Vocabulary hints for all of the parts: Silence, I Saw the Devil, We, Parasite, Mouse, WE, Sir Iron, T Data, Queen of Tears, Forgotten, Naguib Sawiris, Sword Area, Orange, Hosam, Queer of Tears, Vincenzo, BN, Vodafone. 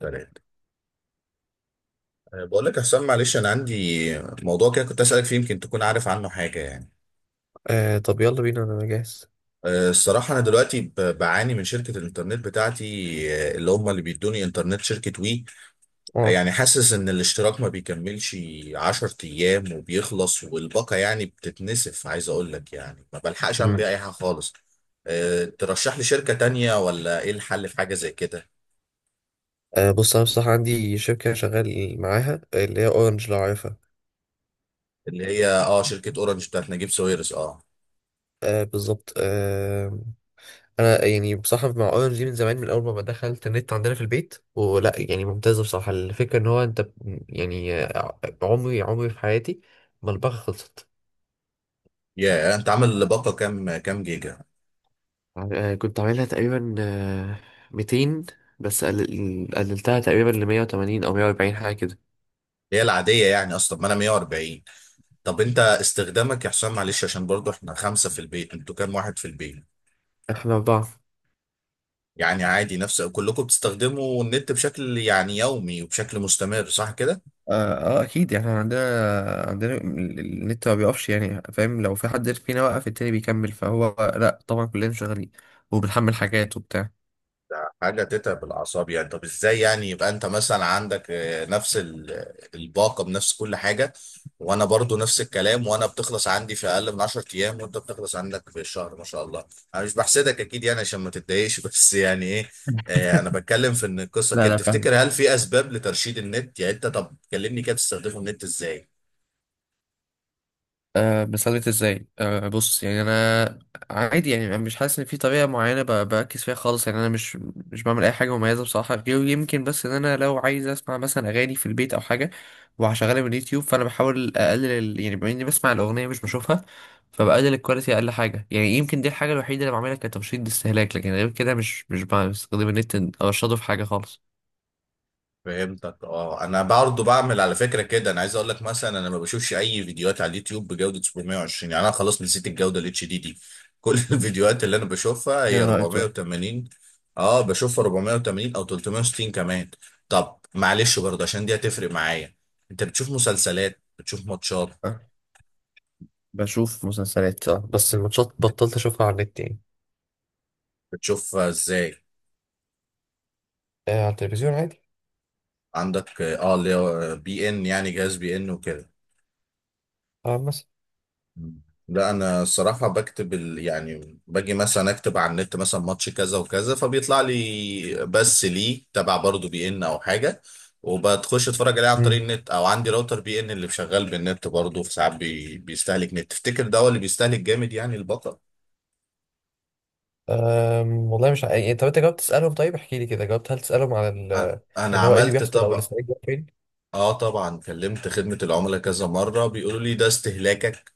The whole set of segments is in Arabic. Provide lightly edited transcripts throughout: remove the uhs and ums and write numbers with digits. تلاتة. بقول لك يا حسام، معلش، أنا عندي موضوع كده كنت أسألك فيه، يمكن تكون عارف عنه حاجة يعني. آه، طب يلا بينا انا جاهز. الصراحة أنا دلوقتي بعاني من شركة الإنترنت بتاعتي. اللي هم اللي بيدوني إنترنت شركة وي. اه. يعني حاسس إن الاشتراك ما بيكملش عشر أيام وبيخلص، والباقة يعني بتتنسف، عايز أقول لك يعني ما بلحقش أعمل مم. بيها أي حاجة خالص. ترشح لي شركة تانية ولا إيه الحل في حاجة زي كده؟ بص، انا بصراحه عندي شركه شغال معاها اللي هي اورنج، لو عارفها. اللي هي أه شركة أورنج بتاعت نجيب ساويرس، أه. آه، بالظبط آه. انا يعني بصراحه مع اورنج دي من زمان، من اول ما دخلت النت عندنا في البيت، ولا يعني ممتازه بصراحه. الفكره ان هو انت عمري في حياتي ما الباقه خلصت. يا أنت عامل باقة كام جيجا؟ كنت عاملها تقريبا 200، بس قللتها تقريبا ل 180 او 140، حاجه كده. هي العادية يعني، أصلا ما أنا 140. طب أنت استخدامك يا حسام، معلش، عشان برضو إحنا خمسة في البيت، أنتوا كام واحد في البيت؟ احنا اربعه. يعني عادي نفس كلكم بتستخدموا النت بشكل يعني يومي وبشكل مستمر، صح كده؟ اه آه، اكيد. يعني احنا عندنا النت ما بيقفش، يعني فاهم؟ لو في حد فينا وقف، التاني بيكمل، فهو لا طبعا كلنا شغالين وبنحمل حاجات وبتاع. حاجه تتعب الاعصاب يعني. طب ازاي يعني يبقى انت مثلا عندك، نفس الباقه بنفس كل حاجه، وانا برضو نفس الكلام، وانا بتخلص عندي في اقل من 10 ايام، وانت بتخلص عندك في الشهر ما شاء الله. انا مش بحسدك اكيد يعني عشان ما تتضايقش بس يعني ايه. انا بتكلم في ان القصه لا كده، لا، فاهم. تفتكر هل في اسباب لترشيد النت؟ يعني انت، طب كلمني كده، بتستخدمه النت ازاي؟ بثبت ازاي؟ أه بص، يعني انا عادي يعني، انا مش حاسس ان في طريقه معينه بركز فيها خالص، يعني انا مش بعمل اي حاجه مميزه بصراحه، غير يمكن بس ان انا لو عايز اسمع مثلا اغاني في البيت او حاجه وهشغلها من اليوتيوب، فانا بحاول اقلل يعني بما اني بسمع الاغنيه مش بشوفها، فبقلل الكواليتي اقل حاجه. يعني يمكن دي الحاجه الوحيده اللي بعملها كترشيد استهلاك، لكن غير كده مش بستخدم النت، ارشده في حاجه خالص. فهمتك. اه انا برضه بعمل على فكره كده، انا عايز اقول لك مثلا، انا ما بشوفش اي فيديوهات على اليوتيوب بجوده 720. يعني انا خلاص نسيت الجوده الاتش دي دي. كل الفيديوهات اللي انا بشوفها هي يا نهار أسود. 480. اه بشوفها 480 او 360 كمان. طب معلش برضه عشان دي هتفرق معايا، انت بتشوف مسلسلات، بتشوف ماتشات؟ أه، بشوف مسلسلات اه، بس الماتشات بطلت أشوفها على النت يعني. بتشوف ازاي؟ آه، على التلفزيون عادي. عندك اه اللي هو بي ان، يعني جهاز بي ان وكده؟ اه بس. لا انا الصراحه بكتب يعني باجي مثلا اكتب على النت مثلا ماتش كذا وكذا فبيطلع لي، بس ليه تبع برضه بي ان او حاجه، وبتخش اتفرج عليه عن طريق مم. النت. او عندي راوتر بي ان اللي شغال بالنت برضه، في ساعات بيستهلك نت. تفتكر ده هو اللي بيستهلك جامد يعني البطل؟ أم، والله مش عارف. طب انت جاوبت تسألهم؟ طيب احكي لي كده، جاوبت هل تسألهم على أ- ال...؟ انا ان هو ايه اللي عملت بيحصل، او طبعا. الاسرائيلي بيروح فين؟ اه طبعا كلمت خدمه العملاء كذا مره، بيقولوا لي ده استهلاكك.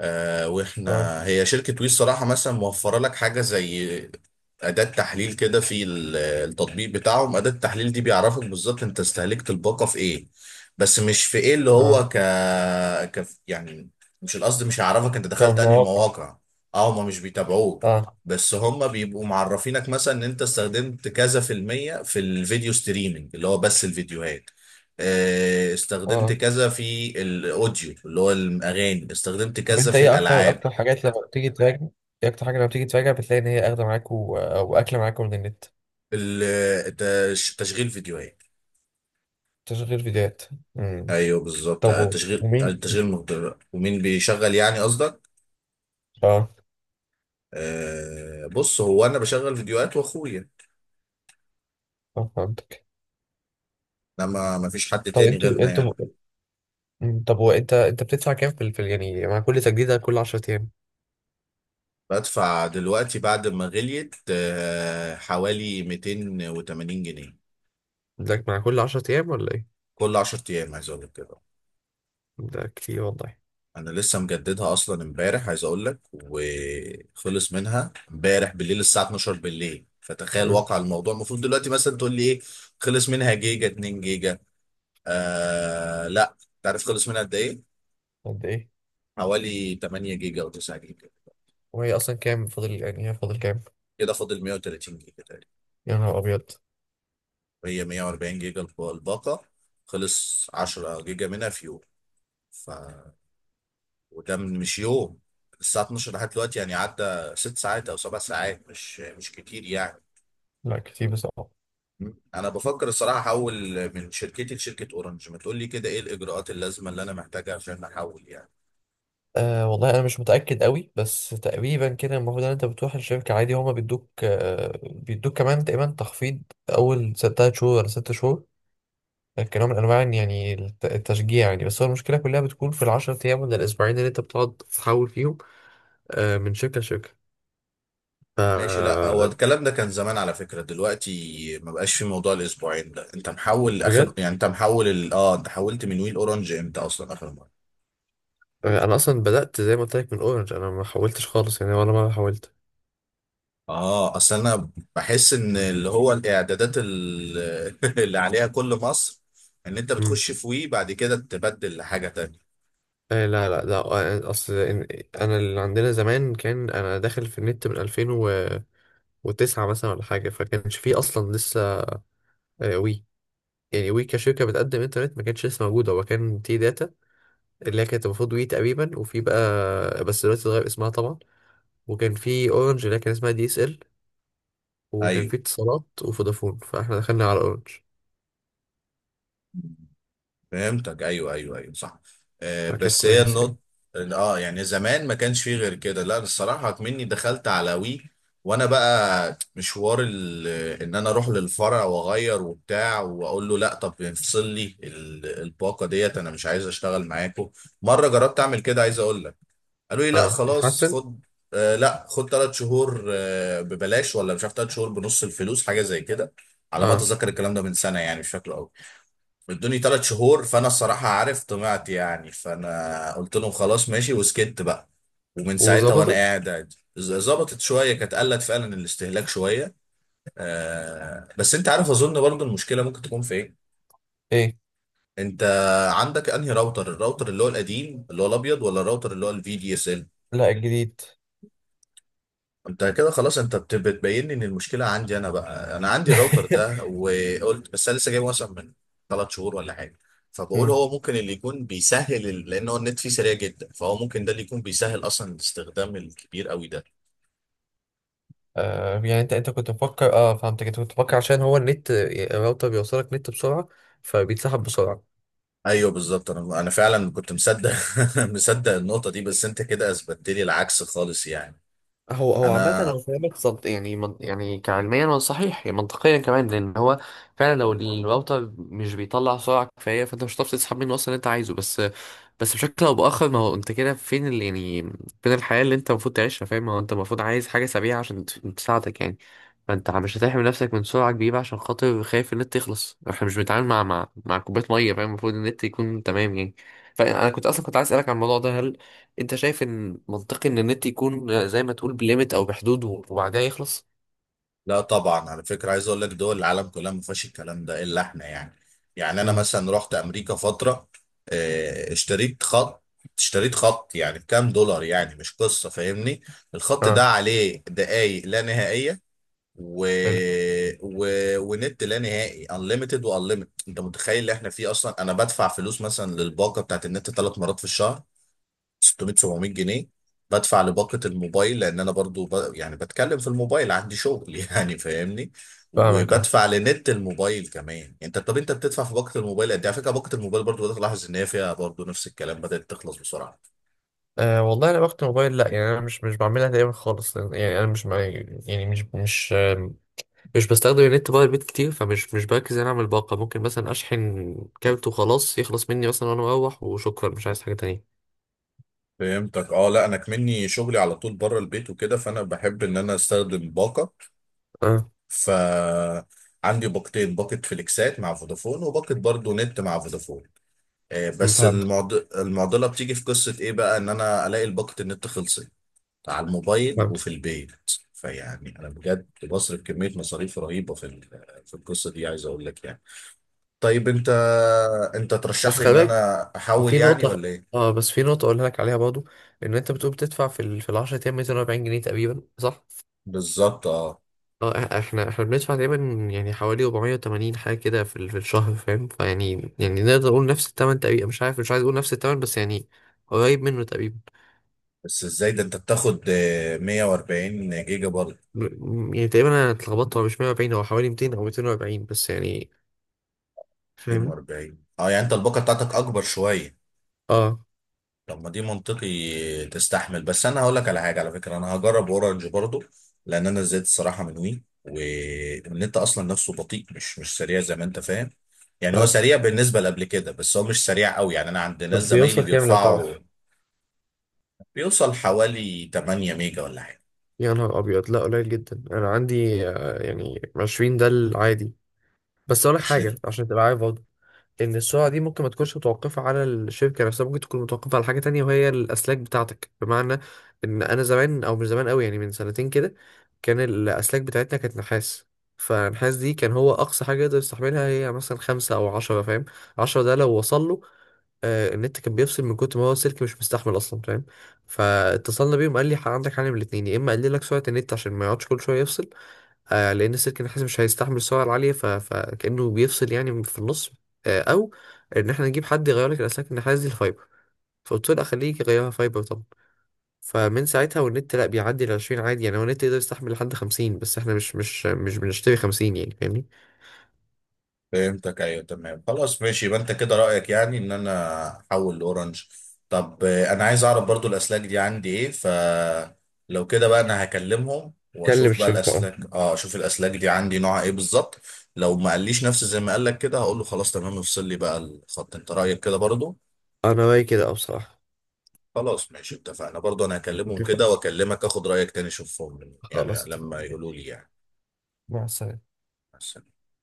اه. واحنا هي شركة وي الصراحة مثلا موفرة لك حاجة زي أداة تحليل كده في التطبيق بتاعهم. أداة التحليل دي بيعرفك بالظبط أنت استهلكت الباقة في إيه، بس مش في إيه اللي اه، هو يعني، مش القصد، مش هيعرفك أنت دخلت أنهي كمواقع. مواقع. أه هما مش بيتابعوك، اه. بس هما بيبقوا معرفينك مثلا إن أنت استخدمت كذا في المية في الفيديو ستريمينج اللي هو بس الفيديوهات، استخدمت اه. كذا في الاوديو اللي هو الاغاني، استخدمت طب كذا انت في ايه اكتر الالعاب. اكتر حاجات لما بتيجي تراجع؟ ايه اكتر حاجة لما بتيجي تراجع بتلاقي ان هي اخدة معاك و... او اكلة معاك من النت؟ تشغيل فيديوهات. تشغيل فيديوهات. امم. ايوه بالظبط، طب و... ومين؟ تشغيل مهدر. ومين بيشغل يعني قصدك؟ اه. بص هو انا بشغل فيديوهات واخويا، اه، فهمتك. لما ما فيش حد طب تاني انتوا غيرنا انتوا يعني. مم. طب وانت بتدفع كام في الفل، يعني مع كل تجديدة كل 10 ايام؟ بدفع دلوقتي بعد ما غليت حوالي 280 جنيه. ده مع كل 10 ايام ولا ايه؟ كل 10 ايام عايز اقول لك كده. ده كتير والله. انا لسه مجددها اصلا امبارح عايز اقول لك، وخلص منها امبارح بالليل الساعه 12 بالليل، فتخيل مم. واقع الموضوع، المفروض دلوقتي مثلا تقول لي ايه خلص منها، جيجا 2 جيجا؟ آه لا. انت عارف خلص منها قد ايه؟ قد ايه؟ حوالي 8 جيجا او 9 جيجا. وهي اصلا كام فاضل؟ يعني هي فاضل كام؟ كده فاضل 130 جيجا تقريبا. يا نهار ابيض. هي 140 جيجا الباقه. خلص 10 جيجا منها في يوم. ف وده مش يوم، الساعه 12 لحد دلوقتي يعني عدى 6 ساعات او 7 ساعات، مش كتير يعني. لا كتير بصراحة. انا بفكر الصراحه احول من شركتي لشركه اورنج. ما تقول لي كده ايه الاجراءات اللازمه اللي انا محتاجها عشان احول يعني؟ آه، والله انا مش متاكد قوي، بس تقريبا كده المفروض ان انت بتروح الشركه عادي، هما بيدوك آه بيدوك كمان تقريبا تخفيض اول تلات شهور ولا ست شهور، كنوع من انواع إن يعني التشجيع يعني. بس هو المشكله كلها بتكون في العشر ايام ولا الاسبوعين اللي انت بتقعد تحول فيهم آه من شركه لشركه. ف... ماشي. لا هو الكلام ده كان زمان على فكره، دلوقتي ما بقاش في موضوع الاسبوعين ده. انت محول اخر، بجد. يعني انت محول اه انت حولت من ويل اورنج امتى اصلا اخر مره؟ آه، انا اصلا بدات زي ما قلت لك من اورنج، انا ما حولتش خالص يعني، ولا مره حولت. اه اصل انا بحس ان اللي هو الاعدادات اللي عليها كل مصر، ان انت بتخش في وي بعد كده تبدل لحاجه تانية. آه، لا لا لا، آه، يعني اصل انا اللي عندنا زمان، كان انا داخل في النت من 2009 مثلا ولا حاجه، فكانش فيه اصلا لسه آه، وي. يعني وي كشركه بتقدم انترنت ما كانتش لسه موجوده، هو كان تي داتا، اللي هي كانت المفروض وي تقريبا، وفي بقى بس دلوقتي اتغير اسمها طبعا. وكان في اورنج اللي هي كان اسمها دي اس ال، وكان ايوه في اتصالات وفودافون، فاحنا دخلنا على اورنج، فهمتك، ايوه ايوه ايوه صح. آه فكانت بس هي كويسه يعني. النقطة. اه يعني زمان ما كانش فيه غير كده. لا الصراحة مني دخلت على وي وانا بقى مشوار ان انا اروح للفرع واغير وبتاع واقول له لا، طب افصل لي الباقة ديت، انا مش عايز اشتغل معاكم. مرة جربت اعمل كده عايز اقول لك، قالوا لي لا اه، خلاص اتحسن. خد، آه لا خد ثلاث شهور آه ببلاش، ولا مش عارف، ثلاث شهور بنص الفلوس حاجة زي كده على ما اه، اتذكر. الكلام ده من سنة يعني، مش فاكره قوي. ادوني ثلاث شهور، فانا الصراحه عارف طمعت يعني، فانا قلت لهم خلاص ماشي وسكت بقى. ومن ساعتها وانا وظبطت. قاعد عادي. ظبطت شويه، كانت قلت فعلا الاستهلاك شويه. آه بس انت عارف اظن برضو المشكله ممكن تكون في ايه؟ ايه؟ انت عندك انهي راوتر، الراوتر اللي هو القديم اللي هو الابيض، ولا الراوتر اللي هو الفي دي اس؟ لا، الجديد. انت كده خلاص، انت بتبين لي ان المشكله عندي انا بقى. انا عندي الراوتر ده، وقلت بس انا لسه جايبه مثلا من ثلاث شهور ولا حاجه. فبقول هو ممكن اللي يكون بيسهل لان هو النت فيه سريع جدا، فهو ممكن ده اللي يكون بيسهل اصلا الاستخدام الكبير قوي ده. آه، يعني انت كنت مفكر، اه فهمتك، انت كنت مفكر عشان هو النت الراوتر بيوصلك نت بسرعة فبيتسحب بسرعة. ايوه بالظبط، انا فعلا كنت مصدق مصدق النقطه دي، بس انت كده اثبتت لي العكس خالص يعني. هو عامة انا انا فاهمك صد، يعني من يعني، كعلميا هو صحيح يعني، منطقيا كمان، لان هو فعلا لو الراوتر مش بيطلع سرعة كفاية، فانت مش هتعرف تسحب منه اصلا اللي انت عايزه. بس بس بشكل او باخر، ما هو انت كده فين اللي يعني، فين الحياه اللي انت المفروض تعيشها؟ فاهم؟ ما هو انت المفروض عايز حاجه سريعه عشان تساعدك يعني، فانت مش هتحمي نفسك من سرعه كبيره عشان خاطر خايف النت يخلص. احنا مش بنتعامل مع كوبايه ميه، فاهم؟ المفروض النت يكون تمام يعني. فانا كنت عايز اسالك عن الموضوع ده: هل انت شايف ان منطقي ان النت يكون زي ما تقول بليمت او بحدود، وبعدها يخلص؟ لا طبعا على فكرة، عايز اقول لك دول العالم كلها ما فيهاش الكلام ده الا احنا يعني. يعني انا امم. مثلا رحت امريكا فترة، اشتريت خط. اشتريت خط يعني بكام دولار، يعني مش قصة، فاهمني؟ الخط ده اه. عليه دقايق لا نهائية، و... حلو. و... ونت لا نهائي، unlimited و unlimited. انت متخيل اللي احنا فيه؟ اصلا انا بدفع فلوس مثلا للباقة بتاعت النت ثلاث مرات في الشهر، 600 700 جنيه. بدفع لباقة الموبايل لان انا برضو يعني بتكلم في الموبايل، عندي شغل يعني فاهمني، فاهمك اه. وبدفع لنت الموبايل كمان. انت طب انت بتدفع في باقة الموبايل قد ايه؟ على فكرة باقة الموبايل برضو بدأت الاحظ ان هي فيها برضو نفس الكلام، بدأت تخلص بسرعة. آه، والله انا وقت الموبايل لا، يعني انا مش بعملها دايما خالص، يعني انا مش مع- يعني مش مش مش بستخدم النت بقى البيت كتير، فمش مش بركز إن انا اعمل باقة. ممكن مثلا اشحن كارت وخلاص، يخلص مني مثلا وانا مروح، وشكرا مش عايز حاجة تانية. فهمتك. اه لا انا كمني شغلي على طول بره البيت وكده، فانا بحب ان انا استخدم باقة. اه ف عندي باقتين، باقة فليكسات مع فودافون وباقة برضو نت مع فودافون. بس فهمتك. المعضله بتيجي في قصه ايه بقى، ان انا الاقي الباقه النت خلصت على الموبايل فهمتك. وفي البيت. فيعني انا بجد بصرف كميه مصاريف رهيبه في في القصه دي عايز اقول لك يعني. طيب انت بس ترشح لي خلي ان بالك انا احول في يعني، نقطة، ولا ايه؟ اه بس في نقطة اقولها لك عليها برضو، ان انت بتقول بتدفع في ال... في ال 10 ايام 240 جنيه تقريبا، صح؟ بالظبط اه. اه، احنا بندفع تقريبا يعني حوالي 480 حاجة كده في ال... في الشهر، فاهم؟ فيعني يعني نقدر نقول نفس التمن تقريبا، مش عارف، مش عايز اقول نفس التمن بس يعني قريب منه تقريبا. بس ازاي ده انت بتاخد 140 جيجا برضه؟ يعني تقريبا انا اتلخبطت، هو مش 140، هو حوالي 200 او 240 بس يعني، فاهمني؟ 240، اه يعني انت الباقه بتاعتك اكبر شويه. اه طب ما دي منطقي تستحمل. بس انا هقول لك على حاجه على فكره، انا هجرب اورنج برضو، لان انا زهقت الصراحه من وي، والنت اصلا نفسه بطيء، مش سريع زي ما انت فاهم. يعني هو فهمتك. سريع بالنسبه لقبل كده، بس هو مش سريع قوي يعني. انا عند ناس طب زمايلي بيوصل كام لو بيرفعوا، تعرف؟ بيوصل حوالي 8 ميجا ولا حاجه. يا نهار ابيض، لا قليل جدا. انا عندي آه، يعني 20 ده العادي. بس اقول لك حاجه 20. عشان تبقى عارف برضه، ان السرعه دي ممكن ما تكونش متوقفه على الشركه نفسها، ممكن تكون متوقفه على حاجه تانية، وهي الاسلاك بتاعتك. بمعنى ان انا زمان، او مش زمان قوي يعني، من سنتين كده، كان الاسلاك بتاعتنا كانت نحاس. فالنحاس دي كان هو اقصى حاجه يقدر يستحملها هي مثلا خمسة او عشرة، فاهم؟ عشرة ده لو وصل له، آه، النت كان بيفصل من كتر ما هو السلك مش مستحمل اصلا، فاهم؟ فاتصلنا بيهم، قال لي: عندك حل من الاتنين، يا اما اقلل لك سرعه النت عشان ما يقعدش كل شويه يفصل، آه، لان السلك النحاس مش هيستحمل السعر العاليه ف... فكانه بيفصل يعني في النص، آه، او ان احنا نجيب حد يغير لك الاسلاك النحاس دي الفايبر". فقلت له لا، خليه يغيرها فايبر طبعا. فمن ساعتها والنت لا بيعدي ال 20 عادي، يعني هو النت يقدر يستحمل لحد 50، بس احنا مش بنشتري 50 يعني، فاهمني؟ فهمتك ايوه تمام خلاص ماشي، يبقى انت كده رايك يعني ان انا احول لاورنج. طب انا عايز اعرف برضو الاسلاك دي عندي ايه، فلو كده بقى انا هكلمهم كلم واشوف بقى الشركه اه. الاسلاك، اه اشوف الاسلاك دي عندي نوعها ايه بالظبط. لو ما قاليش نفس زي ما قال لك كده، هقول له خلاص تمام افصل لي بقى الخط. انت رايك كده برضو؟ انا رايي كده اه، بصراحه. خلاص ماشي اتفقنا، برضو انا هكلمهم اتفقنا، كده واكلمك اخد رايك تاني، اشوفهم يعني خلاص لما اتفقنا. يقولوا لي يعني. مع السلامة. بس.